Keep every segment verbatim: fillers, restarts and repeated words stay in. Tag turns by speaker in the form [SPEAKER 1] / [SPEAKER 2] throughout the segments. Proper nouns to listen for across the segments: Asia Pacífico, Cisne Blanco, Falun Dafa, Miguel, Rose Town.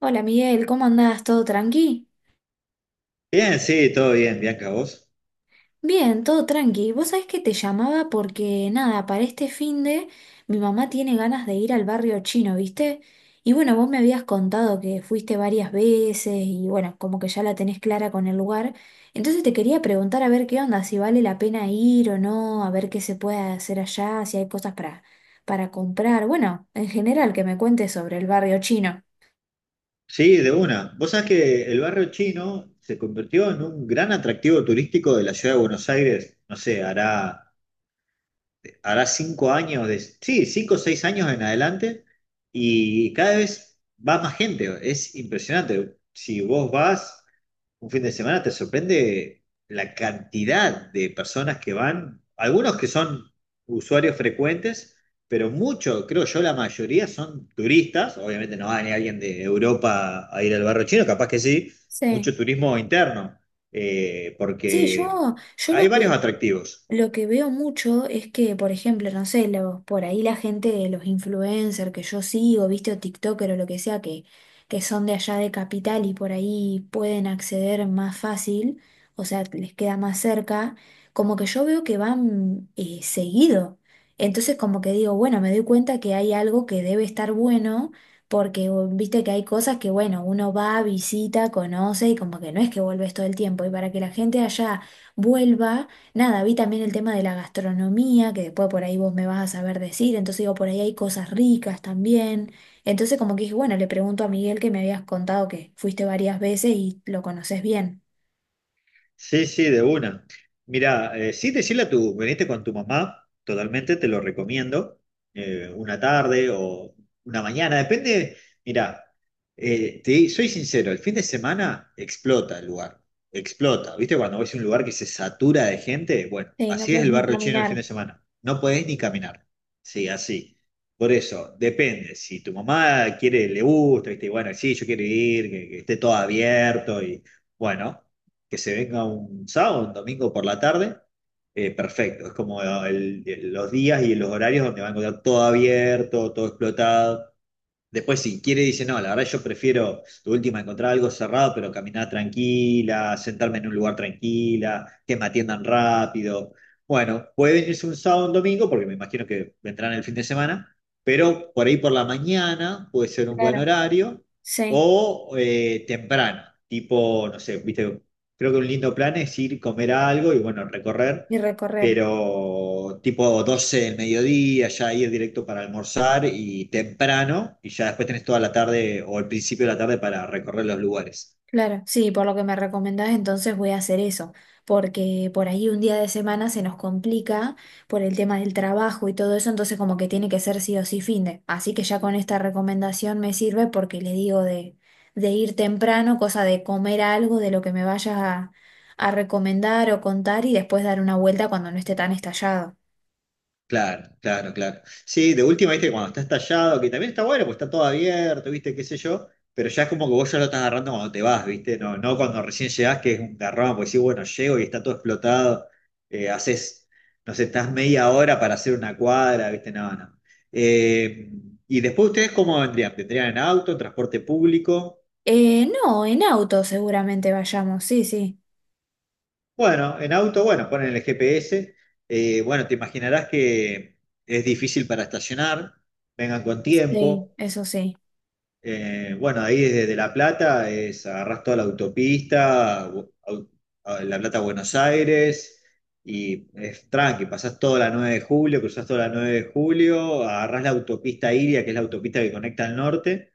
[SPEAKER 1] Hola Miguel, ¿cómo andás? ¿Todo tranqui?
[SPEAKER 2] Bien, sí, todo bien, Bianca, vos.
[SPEAKER 1] Bien, todo tranqui. Vos sabés que te llamaba porque, nada, para este finde mi mamá tiene ganas de ir al barrio chino, ¿viste? Y bueno, vos me habías contado que fuiste varias veces y bueno, como que ya la tenés clara con el lugar. Entonces te quería preguntar a ver qué onda, si vale la pena ir o no, a ver qué se puede hacer allá, si hay cosas para, para comprar. Bueno, en general, que me cuentes sobre el barrio chino.
[SPEAKER 2] Sí, de una. Vos sabés que el barrio chino se convirtió en un gran atractivo turístico de la ciudad de Buenos Aires, no sé, hará, hará cinco años, de, sí, cinco o seis años en adelante, y cada vez va más gente, es impresionante. Si vos vas, un fin de semana te sorprende la cantidad de personas que van, algunos que son usuarios frecuentes, pero muchos, creo yo, la mayoría son turistas. Obviamente no va ni alguien de Europa a ir al barrio chino, capaz que sí,
[SPEAKER 1] Sí.
[SPEAKER 2] mucho turismo interno, eh,
[SPEAKER 1] Sí,
[SPEAKER 2] porque
[SPEAKER 1] yo, yo lo
[SPEAKER 2] hay varios
[SPEAKER 1] que...
[SPEAKER 2] atractivos.
[SPEAKER 1] Lo que veo mucho es que, por ejemplo, no sé, los- por ahí la gente, los influencers que yo sigo, viste, o TikToker o lo que sea, que, que son de allá de Capital y por ahí pueden acceder más fácil, o sea, les queda más cerca, como que yo veo que van eh, seguido. Entonces como que digo, bueno, me doy cuenta que hay algo que debe estar bueno, porque o- viste que hay cosas que, bueno, uno va, visita, conoce y como que no es que vuelves todo el tiempo. Y para que la gente allá vuelva. Nada, vi también el tema de la gastronomía, que después por ahí vos me vas a saber decir, entonces digo, por ahí hay cosas ricas también. Entonces como que dije, bueno, le pregunto a Miguel que me habías contado que fuiste varias veces y lo conoces bien.
[SPEAKER 2] Sí, sí, de una. Mirá, eh, sí, decirle a tu, veniste con tu mamá, totalmente, te lo recomiendo. eh, una tarde o una mañana, depende. Mirá, eh, te- soy sincero, el fin de semana explota el lugar, explota. ¿Viste? Cuando ves un lugar que se satura de gente, bueno,
[SPEAKER 1] Sí, no
[SPEAKER 2] así es
[SPEAKER 1] puedes
[SPEAKER 2] el
[SPEAKER 1] ni
[SPEAKER 2] barrio chino el
[SPEAKER 1] caminar,
[SPEAKER 2] fin de semana. No podés ni caminar. Sí, así. Por eso, depende. Si tu mamá quiere, le gusta, ¿viste? y Bueno, sí, yo quiero ir, que que esté todo abierto y bueno que se venga un sábado, un domingo por la tarde, eh, perfecto. Es como el- el- los días y los horarios donde va a encontrar todo abierto, todo explotado. Después, si quiere, dice, no, la verdad yo prefiero de última encontrar algo cerrado, pero caminar tranquila, sentarme en un lugar tranquila, que me atiendan rápido. Bueno, puede venirse un sábado o un domingo, porque me imagino que vendrán el fin de semana, pero por ahí por la mañana puede ser un buen
[SPEAKER 1] claro,
[SPEAKER 2] horario,
[SPEAKER 1] sí,
[SPEAKER 2] o eh, temprano, tipo, no sé, viste, creo que un lindo plan es ir, comer algo y bueno, recorrer,
[SPEAKER 1] y recorrer.
[SPEAKER 2] pero tipo doce del mediodía, ya ir directo para almorzar y temprano, y ya después tenés toda la tarde o el principio de la tarde para recorrer los lugares.
[SPEAKER 1] Claro, sí, por lo que me recomendás, entonces voy a hacer eso, porque por ahí un día de semana se nos complica por el tema del trabajo y todo eso, entonces como que tiene que ser sí o sí finde. Así que ya con esta recomendación me sirve porque le digo de, de ir temprano, cosa de comer algo de lo que me vayas a, a recomendar o contar y después dar una vuelta cuando no esté tan estallado.
[SPEAKER 2] Claro, claro, claro. Sí, de última, viste, cuando está estallado, que también está bueno, pues está todo abierto, viste, qué sé yo, pero ya es como que vos ya lo estás agarrando cuando te vas, viste, no, no cuando recién llegás, que es un garrón, porque sí, bueno, llego y está todo explotado, eh, haces, no sé, estás media hora para hacer una cuadra, viste, no, no. Eh, y después ustedes, ¿cómo vendrían? ¿Vendrían en auto, en transporte público?
[SPEAKER 1] Eh, no, en auto seguramente vayamos, sí, sí,
[SPEAKER 2] Bueno, en auto, bueno, ponen el G P S, eh, bueno, te imaginarás que es difícil para estacionar, vengan con
[SPEAKER 1] sí,
[SPEAKER 2] tiempo.
[SPEAKER 1] eso sí.
[SPEAKER 2] Eh, bueno, ahí desde La Plata es agarrás toda la autopista, bu- au- a La Plata a Buenos Aires, y es tranqui, pasás toda la nueve de julio, cruzás toda la nueve de julio, agarrás la autopista Iria, que es la autopista que conecta al norte,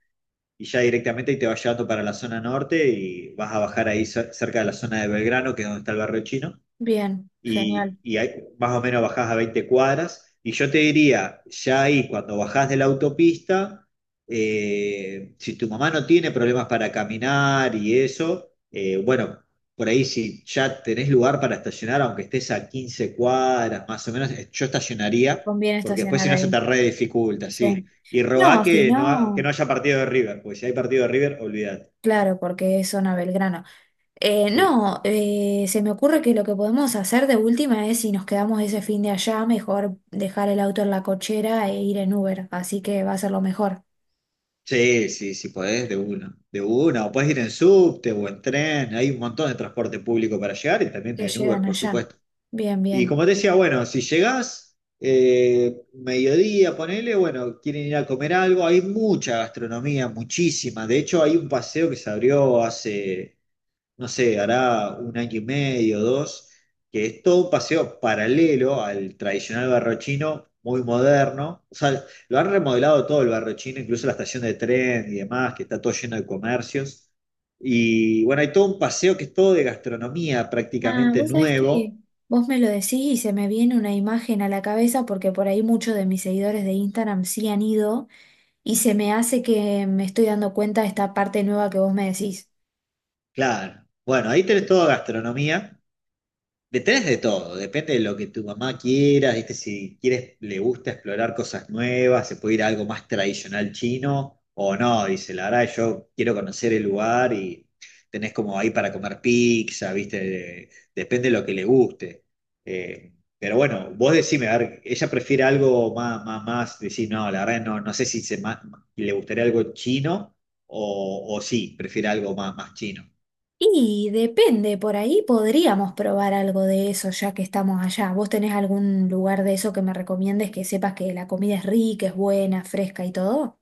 [SPEAKER 2] y ya directamente ahí te vas llevando para la zona norte y vas a bajar ahí cer- cerca de la zona de Belgrano, que es donde está el barrio chino
[SPEAKER 1] Bien, genial,
[SPEAKER 2] y, y ahí más o menos bajás a veinte cuadras. Y yo te diría, ya ahí cuando bajás de la autopista, eh, si tu mamá no tiene problemas para caminar y eso, eh, bueno, por ahí si ya tenés lugar para estacionar, aunque estés a quince cuadras más o menos, eh, yo estacionaría,
[SPEAKER 1] conviene
[SPEAKER 2] porque después
[SPEAKER 1] estacionar
[SPEAKER 2] si no se
[SPEAKER 1] ahí.
[SPEAKER 2] te re dificulta, sí.
[SPEAKER 1] Sí.
[SPEAKER 2] Y rogá
[SPEAKER 1] No, si
[SPEAKER 2] que no, ha- que no
[SPEAKER 1] no,
[SPEAKER 2] haya partido de River, porque si hay partido de River, olvídate.
[SPEAKER 1] claro, porque es zona Belgrano. Eh, no, eh, se me ocurre que lo que podemos hacer de última es si nos quedamos ese fin de allá, mejor dejar el auto en la cochera e ir en Uber, así que va a ser lo mejor.
[SPEAKER 2] Sí, sí, sí podés, de una, de una, o podés ir en subte o en tren, hay un montón de transporte público para llegar y también
[SPEAKER 1] Te
[SPEAKER 2] en Uber,
[SPEAKER 1] llegan
[SPEAKER 2] por
[SPEAKER 1] allá.
[SPEAKER 2] supuesto.
[SPEAKER 1] Bien,
[SPEAKER 2] Y
[SPEAKER 1] bien.
[SPEAKER 2] como te decía, bueno, si llegás, eh, mediodía, ponele, bueno, quieren ir a comer algo, hay mucha gastronomía, muchísima. De hecho, hay un paseo que se abrió hace no sé, hará un año y medio, dos, que es todo un paseo paralelo al tradicional barrio chino, muy moderno. O sea, lo han remodelado todo el barrio chino, incluso la estación de tren y demás, que está todo lleno de comercios. Y bueno, hay todo un paseo que es todo de gastronomía
[SPEAKER 1] Ah,
[SPEAKER 2] prácticamente
[SPEAKER 1] vos sabés que
[SPEAKER 2] nuevo.
[SPEAKER 1] vos me lo decís y se me viene una imagen a la cabeza porque por ahí muchos de mis seguidores de Instagram sí han ido y se me hace que me estoy dando cuenta de esta parte nueva que vos me decís.
[SPEAKER 2] Claro. Bueno, ahí tenés toda gastronomía. Detrás de todo, depende de lo que tu mamá quiera, ¿viste? Si quieres, le gusta explorar cosas nuevas, se puede ir a algo más tradicional chino o no, dice, la verdad, yo quiero conocer el lugar y tenés como ahí para comer pizza, ¿viste? De- Depende de lo que le guste. Eh, pero bueno, vos decime, a ver, ella prefiere algo más, más, más, decir, no, la verdad, no, no sé si se ma- le gustaría algo chino o, o sí, prefiere algo más, más chino.
[SPEAKER 1] Y depende, por ahí podríamos probar algo de eso ya que estamos allá. ¿Vos tenés algún lugar de eso que me recomiendes que sepas que la comida es rica, es buena, fresca y todo?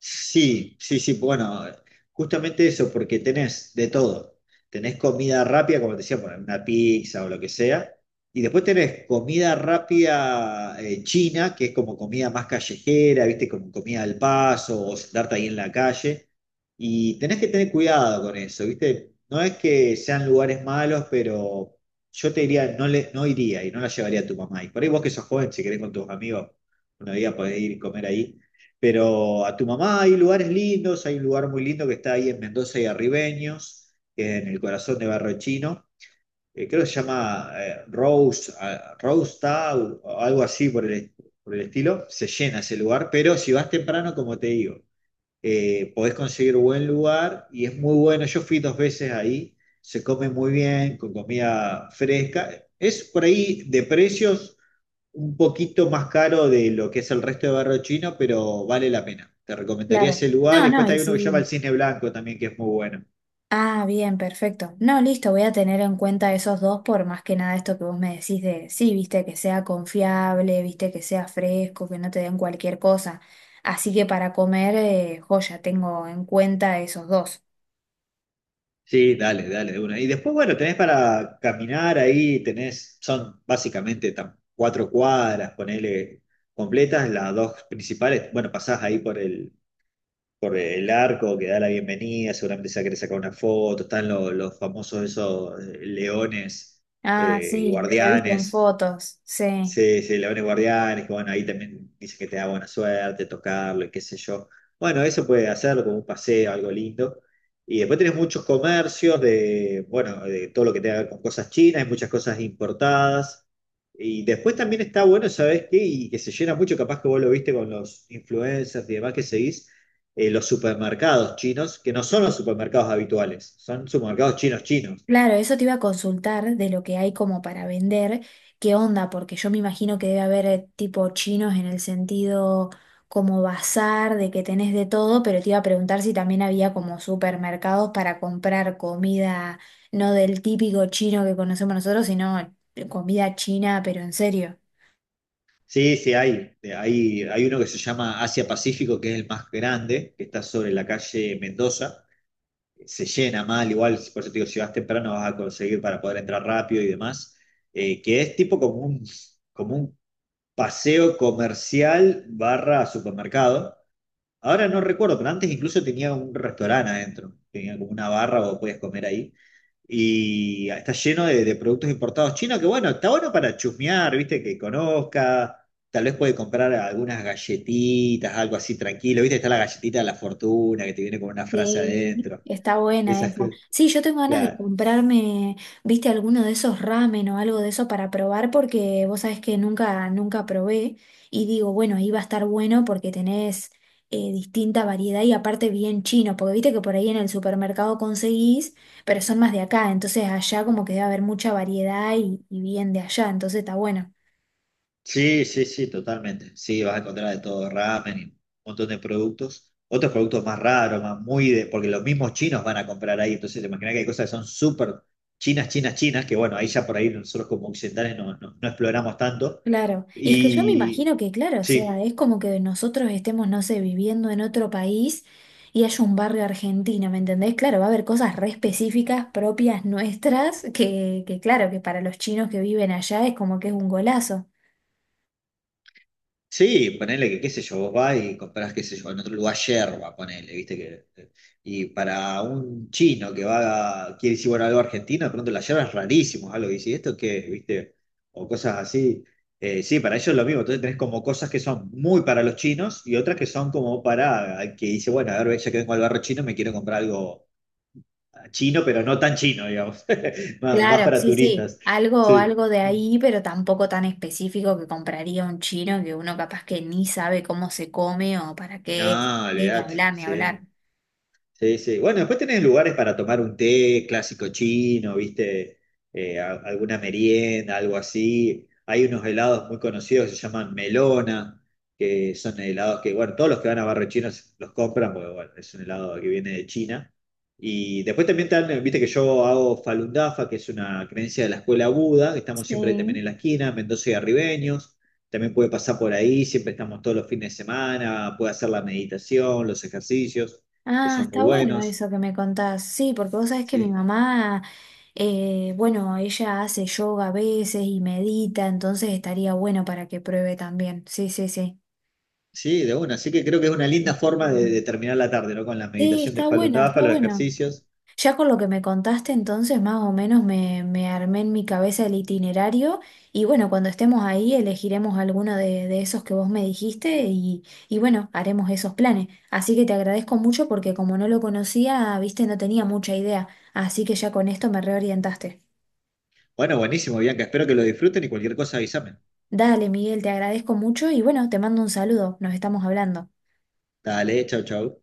[SPEAKER 2] Sí, sí, sí, bueno, justamente eso, porque tenés de todo. Tenés comida rápida, como te decía, bueno, una pizza o lo que sea. Y después tenés comida rápida eh, china, que es como comida más callejera, viste, como comida al paso o sentarte ahí en la calle. Y tenés que tener cuidado con eso, viste. No es que sean lugares malos, pero yo te diría, no, le, no iría y no la llevaría a tu mamá. Y por ahí vos que sos joven, si querés con tus amigos, una día podés ir y comer ahí, pero a tu mamá hay lugares lindos, hay un lugar muy lindo que está ahí en Mendoza y Arribeños, en el corazón de Barrio Chino. eh, creo que se llama eh, Rose, ah, Rose Town, o algo así por el, por el estilo. Se llena ese lugar, pero si vas temprano, como te digo, eh, podés conseguir buen lugar y es muy bueno. Yo fui dos veces ahí, se come muy bien, con comida fresca. Es por ahí de precios un poquito más caro de lo que es el resto de barrio chino, pero vale la pena. Te recomendaría
[SPEAKER 1] Claro.
[SPEAKER 2] ese lugar.
[SPEAKER 1] No,
[SPEAKER 2] Y después
[SPEAKER 1] no, y
[SPEAKER 2] hay uno que se llama el
[SPEAKER 1] sí.
[SPEAKER 2] Cisne Blanco también, que es muy bueno.
[SPEAKER 1] Ah, bien, perfecto. No, listo, voy a tener en cuenta esos dos por más que nada esto que vos me decís de, sí, viste, que sea confiable, viste, que sea fresco, que no te den cualquier cosa. Así que para comer, eh, joya, tengo en cuenta esos dos.
[SPEAKER 2] Sí, dale, dale, de una. Y después, bueno, tenés para caminar ahí, tenés, son básicamente tam- cuatro cuadras, ponele completas, las dos principales. Bueno, pasás ahí por el, por el arco que da la bienvenida, seguramente se va a querer sacar una foto, están los los, famosos esos eh, leones,
[SPEAKER 1] Ah,
[SPEAKER 2] eh,
[SPEAKER 1] sí, los he visto en
[SPEAKER 2] guardianes.
[SPEAKER 1] fotos, sí.
[SPEAKER 2] Sí, sí, leones guardianes, que bueno, ahí también dice que te da buena suerte tocarlo y qué sé yo. Bueno, eso puede hacerlo como un paseo, algo lindo. Y después tenés muchos comercios de, bueno, de todo lo que tenga que ver con cosas chinas, hay muchas cosas importadas. Y después también está bueno, ¿sabés qué? Y que se llena mucho, capaz que vos lo viste con los influencers y demás que seguís, eh, los supermercados chinos, que no son los supermercados habituales, son supermercados chinos chinos.
[SPEAKER 1] Claro, eso te iba a consultar de lo que hay como para vender, qué onda, porque yo me imagino que debe haber eh, tipo chinos en el sentido como bazar, de que tenés de todo, pero te iba a preguntar si también había como supermercados para comprar comida, no del típico chino que conocemos nosotros, sino comida china, pero en serio.
[SPEAKER 2] Sí, sí, hay. Eh, Hay, hay uno que se llama Asia Pacífico, que es el más grande, que está sobre la calle Mendoza. Se llena mal, igual, por eso te digo, si vas temprano vas a conseguir para poder entrar rápido y demás. Eh, que es tipo como un, como un, paseo comercial barra supermercado. Ahora no recuerdo, pero antes incluso tenía un restaurante adentro, tenía como una barra o podías comer ahí. Y está lleno de, de productos importados chinos, que bueno, está bueno para chusmear, viste, que conozca, tal vez puede comprar algunas galletitas, algo así tranquilo, viste, está la galletita de la fortuna que te viene con una frase
[SPEAKER 1] Sí,
[SPEAKER 2] adentro,
[SPEAKER 1] está buena
[SPEAKER 2] esas
[SPEAKER 1] esa.
[SPEAKER 2] cosas.
[SPEAKER 1] Sí, yo tengo ganas de comprarme, viste, alguno de esos ramen o algo de eso para probar porque vos sabés que nunca, nunca probé y digo, bueno, ahí va a estar bueno porque tenés eh, distinta variedad y aparte bien chino, porque viste que por ahí en el supermercado conseguís, pero son más de acá, entonces allá como que debe haber mucha variedad y, y bien de allá, entonces está bueno.
[SPEAKER 2] Sí, sí, sí, totalmente. Sí, vas a encontrar de todo, ramen y un montón de productos. Otros productos más raros, más muy de, porque los mismos chinos van a comprar ahí. Entonces, te imaginas que hay cosas que son súper chinas, chinas, chinas, que bueno, ahí ya por ahí nosotros como occidentales no, no, no exploramos tanto.
[SPEAKER 1] Claro, y es que yo me imagino
[SPEAKER 2] Y
[SPEAKER 1] que, claro, o sea,
[SPEAKER 2] sí,
[SPEAKER 1] es como que nosotros estemos, no sé, viviendo en otro país y haya un barrio argentino, ¿me entendés? Claro, va a haber cosas re específicas propias nuestras que, que claro, que para los chinos que viven allá es como que es un golazo.
[SPEAKER 2] sí, ponele que, qué sé yo, vos vas y comprás, qué sé yo, en otro lugar yerba, ponele, viste que. Y para un chino que va, quiere decir, bueno, algo argentino, de pronto la yerba es rarísimo, algo, y dice, ¿y esto qué es? ¿Viste? O cosas así. Eh, sí, para ellos es lo mismo, entonces tenés como cosas que son muy para los chinos y otras que son como para, el que dice, bueno, a ver, ya que vengo al barrio chino, me quiero comprar algo ah, chino, pero no tan chino, digamos, más, más
[SPEAKER 1] Claro,
[SPEAKER 2] para
[SPEAKER 1] sí, sí,
[SPEAKER 2] turistas.
[SPEAKER 1] algo,
[SPEAKER 2] Sí.
[SPEAKER 1] algo de ahí, pero tampoco tan específico que compraría un chino que uno capaz que ni sabe cómo se come o para
[SPEAKER 2] No,
[SPEAKER 1] qué, sí, ni
[SPEAKER 2] olvidate,
[SPEAKER 1] hablar, ni
[SPEAKER 2] sí.
[SPEAKER 1] hablar.
[SPEAKER 2] Sí, sí. Bueno, después tenés lugares para tomar un té clásico chino, ¿viste? Eh, a- alguna merienda, algo así. Hay unos helados muy conocidos que se llaman melona, que son helados que, bueno, todos los que van a Barrio Chino se- los compran, porque, bueno, es un helado que viene de China. Y después también te dan, eh, viste que yo hago Falun Dafa, que es una creencia de la escuela Buda, que estamos siempre también
[SPEAKER 1] Sí.
[SPEAKER 2] en la esquina, Mendoza y Arribeños. También puede pasar por ahí, siempre estamos todos los fines de semana, puede hacer la meditación, los ejercicios que
[SPEAKER 1] Ah,
[SPEAKER 2] son muy
[SPEAKER 1] está bueno
[SPEAKER 2] buenos.
[SPEAKER 1] eso que me contás. Sí, porque vos sabés que mi
[SPEAKER 2] Sí,
[SPEAKER 1] mamá, eh, bueno, ella hace yoga a veces y medita, entonces estaría bueno para que pruebe también. Sí, sí, sí.
[SPEAKER 2] sí, de una. Así que creo que es una linda
[SPEAKER 1] Así que-
[SPEAKER 2] forma de, de terminar la tarde, ¿no? Con la
[SPEAKER 1] sí,
[SPEAKER 2] meditación de
[SPEAKER 1] está
[SPEAKER 2] Falun
[SPEAKER 1] bueno,
[SPEAKER 2] Dafa,
[SPEAKER 1] está
[SPEAKER 2] los
[SPEAKER 1] bueno.
[SPEAKER 2] ejercicios.
[SPEAKER 1] Ya con lo que me contaste, entonces más o menos me, me armé en mi cabeza el itinerario y bueno, cuando estemos ahí elegiremos alguno de, de esos que vos me dijiste y, y bueno, haremos esos planes. Así que te agradezco mucho porque como no lo conocía, viste, no tenía mucha idea, así que ya con esto me reorientaste.
[SPEAKER 2] Bueno, buenísimo, Bianca. Espero que lo disfruten y cualquier cosa avísame.
[SPEAKER 1] Dale, Miguel, te agradezco mucho y bueno, te mando un saludo, nos estamos hablando.
[SPEAKER 2] Dale, chau, chau.